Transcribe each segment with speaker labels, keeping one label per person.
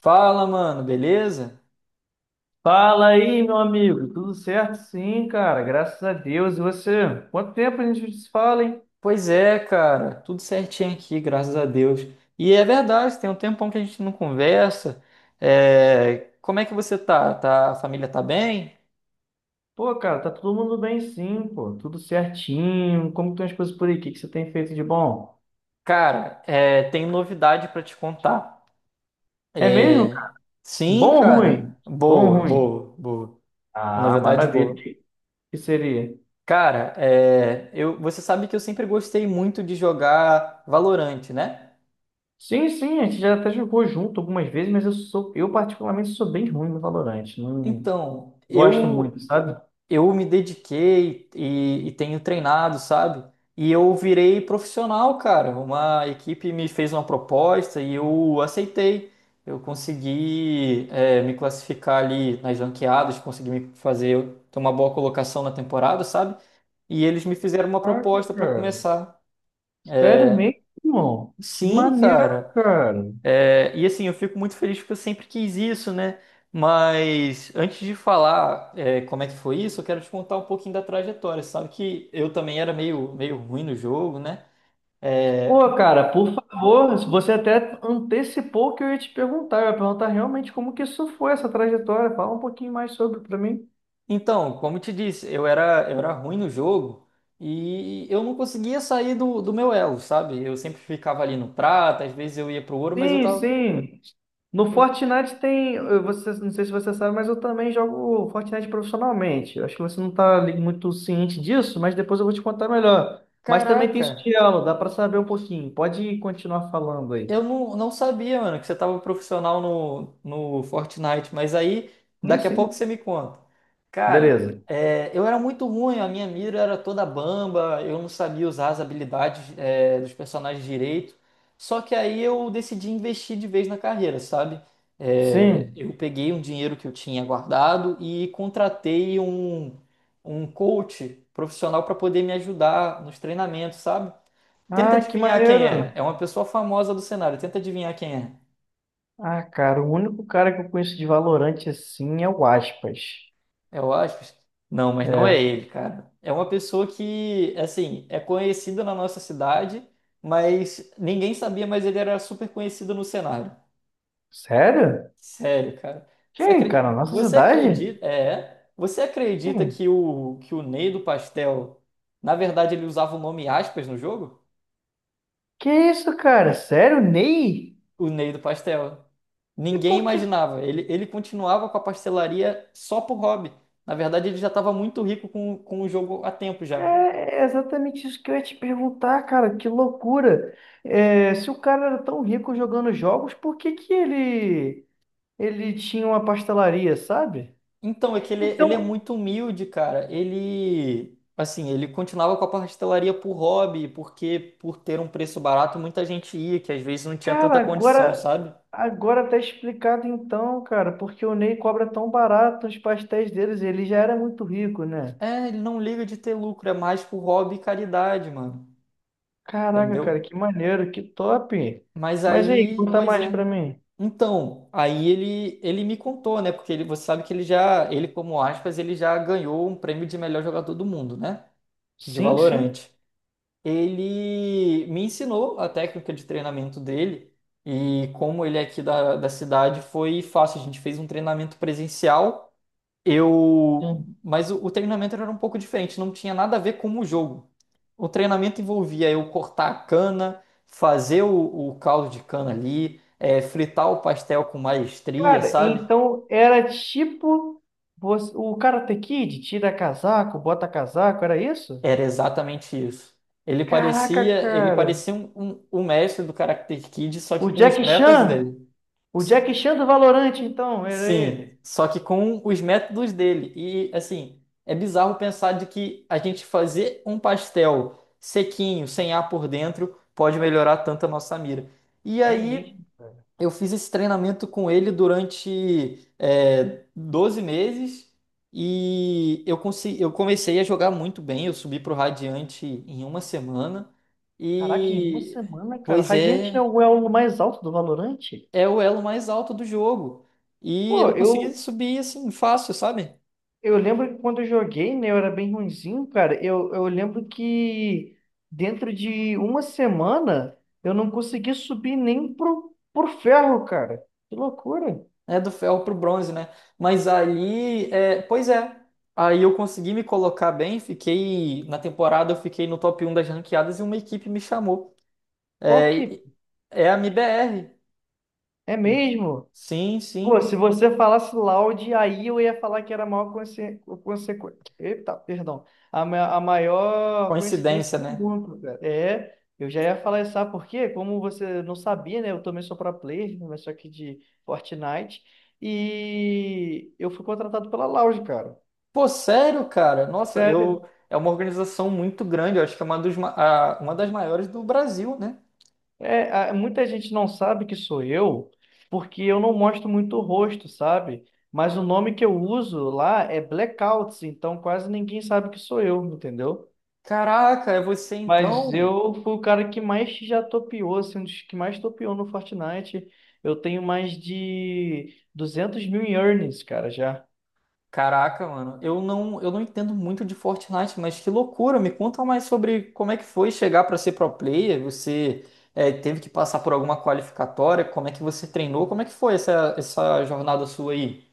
Speaker 1: Fala, mano, beleza?
Speaker 2: Fala aí, meu amigo. Tudo certo? Sim, cara. Graças a Deus. E você? Quanto tempo a gente se fala, hein?
Speaker 1: Pois é, cara, tudo certinho aqui, graças a Deus. E é verdade, tem um tempão que a gente não conversa. Como é que você tá? A família tá bem?
Speaker 2: Pô, cara, tá todo mundo bem sim, pô. Tudo certinho. Como estão as coisas por aí? O que que você tem feito de bom?
Speaker 1: Cara, tem novidade pra te contar.
Speaker 2: É mesmo,
Speaker 1: É,
Speaker 2: cara?
Speaker 1: Sim,
Speaker 2: Bom ou
Speaker 1: cara.
Speaker 2: ruim? Bom ou
Speaker 1: Boa,
Speaker 2: ruim?
Speaker 1: boa, boa. Uma
Speaker 2: Ah,
Speaker 1: novidade
Speaker 2: maravilha.
Speaker 1: boa.
Speaker 2: Que que seria?
Speaker 1: Cara, você sabe que eu sempre gostei muito de jogar Valorant, né?
Speaker 2: Sim, sim, a gente já até jogou junto algumas vezes, mas eu particularmente sou bem ruim no Valorant. Não
Speaker 1: Então,
Speaker 2: gosto
Speaker 1: eu
Speaker 2: muito, sabe?
Speaker 1: eu me dediquei e tenho treinado, sabe? E eu virei profissional, cara. Uma equipe me fez uma proposta e eu aceitei. Eu consegui, me classificar ali nas ranqueadas, consegui me fazer ter uma boa colocação na temporada, sabe? E eles me fizeram uma
Speaker 2: Caraca,
Speaker 1: proposta para
Speaker 2: cara.
Speaker 1: começar.
Speaker 2: Sério mesmo, irmão? Que
Speaker 1: Sim,
Speaker 2: maneiro,
Speaker 1: cara.
Speaker 2: cara.
Speaker 1: E assim, eu fico muito feliz porque eu sempre quis isso, né? Mas antes de falar, como é que foi isso, eu quero te contar um pouquinho da trajetória. Você sabe que eu também era meio ruim no jogo, né? É,
Speaker 2: Pô, cara, por favor, você até antecipou o que eu ia te perguntar. Eu ia perguntar realmente como que isso foi, essa trajetória. Fala um pouquinho mais sobre pra mim.
Speaker 1: então, como eu te disse, eu era ruim no jogo e eu não conseguia sair do meu elo, sabe? Eu sempre ficava ali no prata, às vezes eu ia pro ouro, mas eu
Speaker 2: Sim,
Speaker 1: tava,
Speaker 2: sim. No Fortnite tem, você, não sei se você sabe, mas eu também jogo Fortnite profissionalmente. Eu acho que você não está muito ciente disso, mas depois eu vou te contar melhor. Mas também tem
Speaker 1: caraca.
Speaker 2: sutiã, dá para saber um pouquinho. Pode continuar falando aí.
Speaker 1: Eu não sabia, mano, que você tava profissional no Fortnite, mas aí
Speaker 2: Sim,
Speaker 1: daqui a pouco
Speaker 2: sim.
Speaker 1: você me conta. Cara,
Speaker 2: Beleza.
Speaker 1: eu era muito ruim, a minha mira era toda bamba, eu não sabia usar as habilidades, dos personagens direito. Só que aí eu decidi investir de vez na carreira, sabe?
Speaker 2: Sim.
Speaker 1: Eu peguei um dinheiro que eu tinha guardado e contratei um coach profissional para poder me ajudar nos treinamentos, sabe? Tenta
Speaker 2: Ah, que
Speaker 1: adivinhar quem é. É
Speaker 2: maneiro.
Speaker 1: uma pessoa famosa do cenário. Tenta adivinhar quem é.
Speaker 2: Ah, cara, o único cara que eu conheço de Valorante assim é o Aspas.
Speaker 1: É o Aspas? Não, mas não é
Speaker 2: É.
Speaker 1: ele, cara. É uma pessoa que, assim, é conhecida na nossa cidade, mas ninguém sabia, mas ele era super conhecido no cenário.
Speaker 2: Sério?
Speaker 1: Sério, cara.
Speaker 2: Quem, cara? Nossa
Speaker 1: Você
Speaker 2: cidade?
Speaker 1: acredita, você acredita
Speaker 2: Quem?
Speaker 1: que o Ney do Pastel, na verdade, ele usava o nome Aspas no jogo?
Speaker 2: Que isso, cara? Sério, Ney?
Speaker 1: O Ney do Pastel.
Speaker 2: E
Speaker 1: Ninguém
Speaker 2: por que?
Speaker 1: imaginava. Ele continuava com a pastelaria só por hobby. Na verdade, ele já estava muito rico com o jogo há tempo
Speaker 2: É
Speaker 1: já.
Speaker 2: é exatamente isso que eu ia te perguntar, cara. Que loucura. É, se o cara era tão rico jogando jogos, por que que ele tinha uma pastelaria, sabe?
Speaker 1: Então, é que ele é
Speaker 2: Então,
Speaker 1: muito humilde, cara. Ele, assim, ele continuava com a pastelaria por hobby, porque por ter um preço barato, muita gente ia, que às vezes não tinha tanta
Speaker 2: cara,
Speaker 1: condição,
Speaker 2: agora,
Speaker 1: sabe?
Speaker 2: agora tá explicado então, cara, porque o Ney cobra tão barato os pastéis deles, ele já era muito rico, né?
Speaker 1: Ele não liga de ter lucro, é mais por hobby e caridade, mano.
Speaker 2: Caraca, cara,
Speaker 1: Entendeu?
Speaker 2: que maneiro, que top.
Speaker 1: Mas
Speaker 2: Mas aí,
Speaker 1: aí,
Speaker 2: conta
Speaker 1: pois
Speaker 2: mais
Speaker 1: é.
Speaker 2: pra mim.
Speaker 1: Então, aí ele me contou, né? Porque ele, você sabe que ele como aspas, ele já ganhou um prêmio de melhor jogador do mundo, né? De
Speaker 2: Sim, sim.
Speaker 1: Valorant. Ele me ensinou a técnica de treinamento dele e como ele é aqui da cidade foi fácil. A gente fez um treinamento presencial.
Speaker 2: Sim.
Speaker 1: Mas o treinamento era um pouco diferente, não tinha nada a ver com o jogo. O treinamento envolvia eu cortar a cana, fazer o caldo de cana ali, fritar o pastel com maestria,
Speaker 2: Cara,
Speaker 1: sabe?
Speaker 2: então era tipo o Karate Kid, tira casaco, bota casaco, era isso?
Speaker 1: Era exatamente isso. Ele
Speaker 2: Caraca,
Speaker 1: parecia, ele
Speaker 2: cara.
Speaker 1: parecia um mestre do Karate Kid, só que
Speaker 2: O
Speaker 1: com os
Speaker 2: Jack
Speaker 1: métodos
Speaker 2: Chan,
Speaker 1: dele.
Speaker 2: o Jack Chan do Valorante, então, era ele.
Speaker 1: Sim, só que com os métodos dele. E assim, é bizarro pensar de que a gente fazer um pastel sequinho, sem ar por dentro, pode melhorar tanto a nossa mira. E
Speaker 2: É
Speaker 1: aí
Speaker 2: mesmo.
Speaker 1: eu fiz esse treinamento com ele durante 12 meses e eu comecei a jogar muito bem. Eu subi para o Radiante em uma semana
Speaker 2: Caraca, em uma
Speaker 1: e,
Speaker 2: semana, cara. O
Speaker 1: pois
Speaker 2: Radiant é
Speaker 1: é,
Speaker 2: o elo mais alto do Valorant?
Speaker 1: é o elo mais alto do jogo. E
Speaker 2: Pô,
Speaker 1: eu consegui
Speaker 2: eu,
Speaker 1: subir assim fácil, sabe?
Speaker 2: eu lembro que quando eu joguei, né, eu era bem ruinzinho, cara. Eu lembro que dentro de uma semana eu não consegui subir nem pro ferro, cara. Que loucura.
Speaker 1: É do ferro para o bronze, né? Mas aí, pois é, aí eu consegui me colocar bem. Fiquei na temporada, eu fiquei no top um das ranqueadas e uma equipe me chamou.
Speaker 2: Qual
Speaker 1: É,
Speaker 2: que
Speaker 1: e- é a MIBR.
Speaker 2: é mesmo?
Speaker 1: Sim,
Speaker 2: Pô,
Speaker 1: sim.
Speaker 2: se você falasse Loud, aí eu ia falar que era a maior consequência. Eita, perdão. A maior coincidência
Speaker 1: Coincidência,
Speaker 2: do
Speaker 1: né?
Speaker 2: mundo, cara. É, eu já ia falar isso, sabe por quê? Como você não sabia, né? Eu também sou pro player, né, mas só que de Fortnite. E eu fui contratado pela Loud, cara.
Speaker 1: Pô, sério, cara? Nossa, eu
Speaker 2: Sério.
Speaker 1: é uma organização muito grande. Eu acho que é uma, dos, ma- a- uma das maiores do Brasil, né?
Speaker 2: É, muita gente não sabe que sou eu, porque eu não mostro muito o rosto, sabe? Mas o nome que eu uso lá é Blackouts, então quase ninguém sabe que sou eu, entendeu?
Speaker 1: Caraca, é você
Speaker 2: Mas
Speaker 1: então?
Speaker 2: eu fui o cara que mais já topeou, assim, um dos que mais topeou no Fortnite. Eu tenho mais de 200 mil em earnings, cara, já.
Speaker 1: Caraca, mano. Eu não entendo muito de Fortnite, mas que loucura. Me conta mais sobre como é que foi chegar pra ser pro player. Você teve que passar por alguma qualificatória? Como é que você treinou? Como é que foi essa jornada sua aí?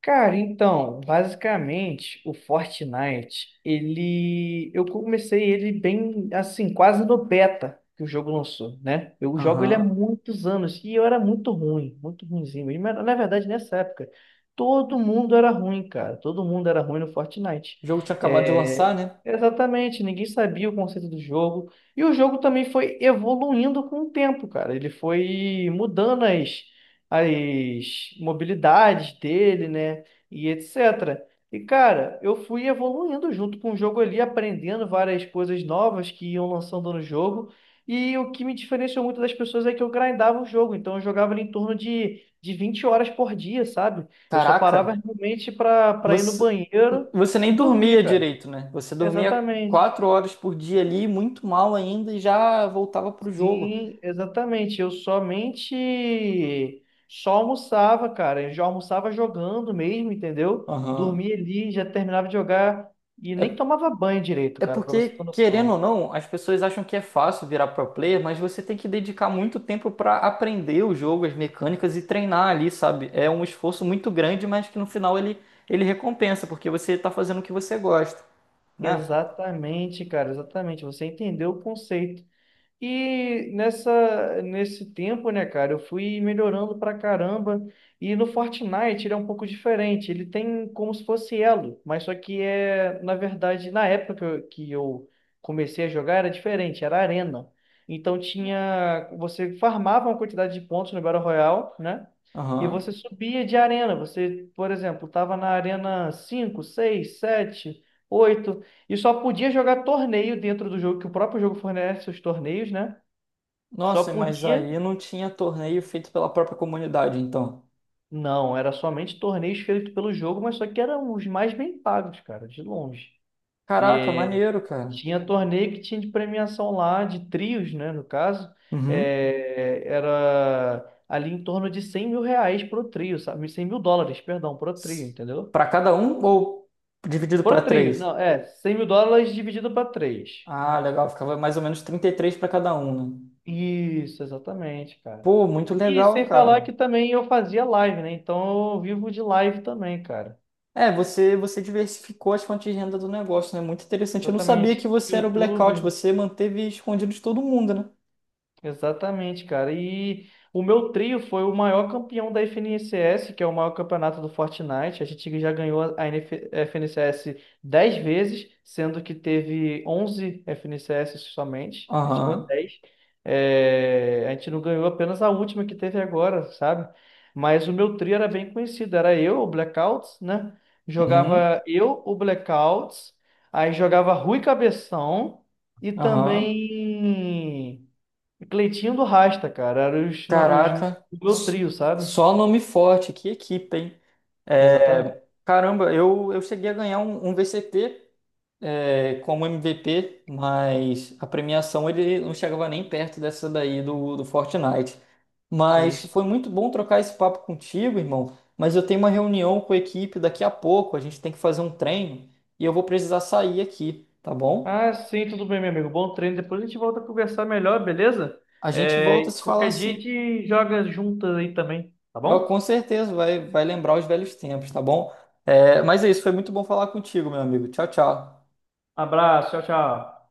Speaker 2: Cara, então, basicamente, o Fortnite, ele, eu comecei ele bem, assim, quase no beta que o jogo lançou, né? Eu jogo ele há
Speaker 1: Aham.
Speaker 2: muitos anos e eu era muito ruim, muito ruinzinho. E, mas, na verdade, nessa época, todo mundo era ruim, cara. Todo mundo era ruim no Fortnite.
Speaker 1: O jogo tinha acabado de lançar,
Speaker 2: É,
Speaker 1: né?
Speaker 2: exatamente, ninguém sabia o conceito do jogo. E o jogo também foi evoluindo com o tempo, cara. Ele foi mudando as mobilidades dele, né? E etc. E, cara, eu fui evoluindo junto com o jogo ali, aprendendo várias coisas novas que iam lançando no jogo. E o que me diferenciou muito das pessoas é que eu grindava o jogo. Então, eu jogava ali em torno de 20 horas por dia, sabe? Eu só parava
Speaker 1: Caraca,
Speaker 2: realmente para ir no
Speaker 1: você,
Speaker 2: banheiro
Speaker 1: você
Speaker 2: e
Speaker 1: nem dormia
Speaker 2: dormir, cara.
Speaker 1: direito, né? Você dormia
Speaker 2: Exatamente.
Speaker 1: 4 horas por dia ali, muito mal ainda, e já voltava pro jogo.
Speaker 2: Sim, exatamente. Eu somente só almoçava, cara. Eu já almoçava jogando mesmo, entendeu?
Speaker 1: Aham.
Speaker 2: Dormia ali, já terminava de jogar e nem
Speaker 1: É,
Speaker 2: tomava banho direito,
Speaker 1: é
Speaker 2: cara, pra você ter
Speaker 1: porque, querendo
Speaker 2: noção.
Speaker 1: ou não, as pessoas acham que é fácil virar pro player, mas você tem que dedicar muito tempo para aprender o jogo, as mecânicas e treinar ali, sabe? É um esforço muito grande, mas que no final ele, recompensa, porque você tá fazendo o que você gosta, né?
Speaker 2: Exatamente, cara, exatamente. Você entendeu o conceito. E nessa, nesse tempo, né, cara, eu fui melhorando pra caramba. E no Fortnite ele é um pouco diferente. Ele tem como se fosse elo, mas só que é, na verdade, na época que eu comecei a jogar era diferente, era arena. Então tinha, você farmava uma quantidade de pontos no Battle Royale, né? E você
Speaker 1: Aham.
Speaker 2: subia de arena. Você, por exemplo, estava na arena 5 6 7 8 e só podia jogar torneio dentro do jogo, que o próprio jogo fornece os torneios, né? Só
Speaker 1: Nossa, mas
Speaker 2: podia.
Speaker 1: aí não tinha torneio feito pela própria comunidade, então.
Speaker 2: Não, era somente torneios feitos pelo jogo, mas só que eram os mais bem pagos, cara, de longe. E
Speaker 1: Caraca, maneiro, cara.
Speaker 2: tinha torneio que tinha de premiação lá, de trios, né? No caso,
Speaker 1: Uhum.
Speaker 2: era ali em torno de 100 mil reais pro trio, sabe? 100 mil dólares, perdão, pro trio,
Speaker 1: S-
Speaker 2: entendeu?
Speaker 1: Pra cada um ou dividido pra
Speaker 2: Pro trio,
Speaker 1: três?
Speaker 2: não, é, 100 mil dólares dividido para 3.
Speaker 1: Ah, legal, ficava mais ou menos 33 pra cada um, né?
Speaker 2: Isso, exatamente, cara.
Speaker 1: Pô, muito
Speaker 2: E
Speaker 1: legal,
Speaker 2: sem falar
Speaker 1: cara.
Speaker 2: que também eu fazia live, né? Então eu vivo de live também, cara.
Speaker 1: É, você diversificou as fontes de renda do negócio, né? Muito interessante. Eu não sabia que
Speaker 2: Exatamente.
Speaker 1: você era o blackout,
Speaker 2: YouTube.
Speaker 1: você manteve escondido de todo mundo, né?
Speaker 2: Exatamente, cara. E o meu trio foi o maior campeão da FNCS, que é o maior campeonato do Fortnite. A gente já ganhou a NF FNCS 10 vezes, sendo que teve 11 FNCS somente. A gente ganhou
Speaker 1: Aham.
Speaker 2: dez. É, a gente não ganhou apenas a última que teve agora, sabe? Mas o meu trio era bem conhecido. Era eu, o Blackouts, né?
Speaker 1: Uhum.
Speaker 2: Jogava eu, o Blackouts. Aí jogava Rui Cabeção e
Speaker 1: Aham.
Speaker 2: também. Cleitinho do Rasta, cara. Era os, os do
Speaker 1: Caraca.
Speaker 2: meu trio, sabe?
Speaker 1: Só nome forte, que equipe, hein?
Speaker 2: Exatamente.
Speaker 1: Caramba, eu cheguei a ganhar um, VCT como MVP, mas a premiação ele não chegava nem perto dessa daí do Fortnite.
Speaker 2: Sim,
Speaker 1: Mas
Speaker 2: isso.
Speaker 1: foi muito bom trocar esse papo contigo, irmão. Mas eu tenho uma reunião com a equipe daqui a pouco, a gente tem que fazer um treino e eu vou precisar sair aqui, tá bom?
Speaker 2: Ah, sim, tudo bem, meu amigo. Bom treino. Depois a gente volta a conversar melhor, beleza?
Speaker 1: A gente volta a
Speaker 2: É,
Speaker 1: se falar
Speaker 2: qualquer dia a
Speaker 1: assim.
Speaker 2: gente joga juntas aí também, tá bom?
Speaker 1: Com certeza vai lembrar os velhos tempos, tá bom? Mas é isso, foi muito bom falar contigo, meu amigo. Tchau, tchau.
Speaker 2: Abraço, tchau, tchau.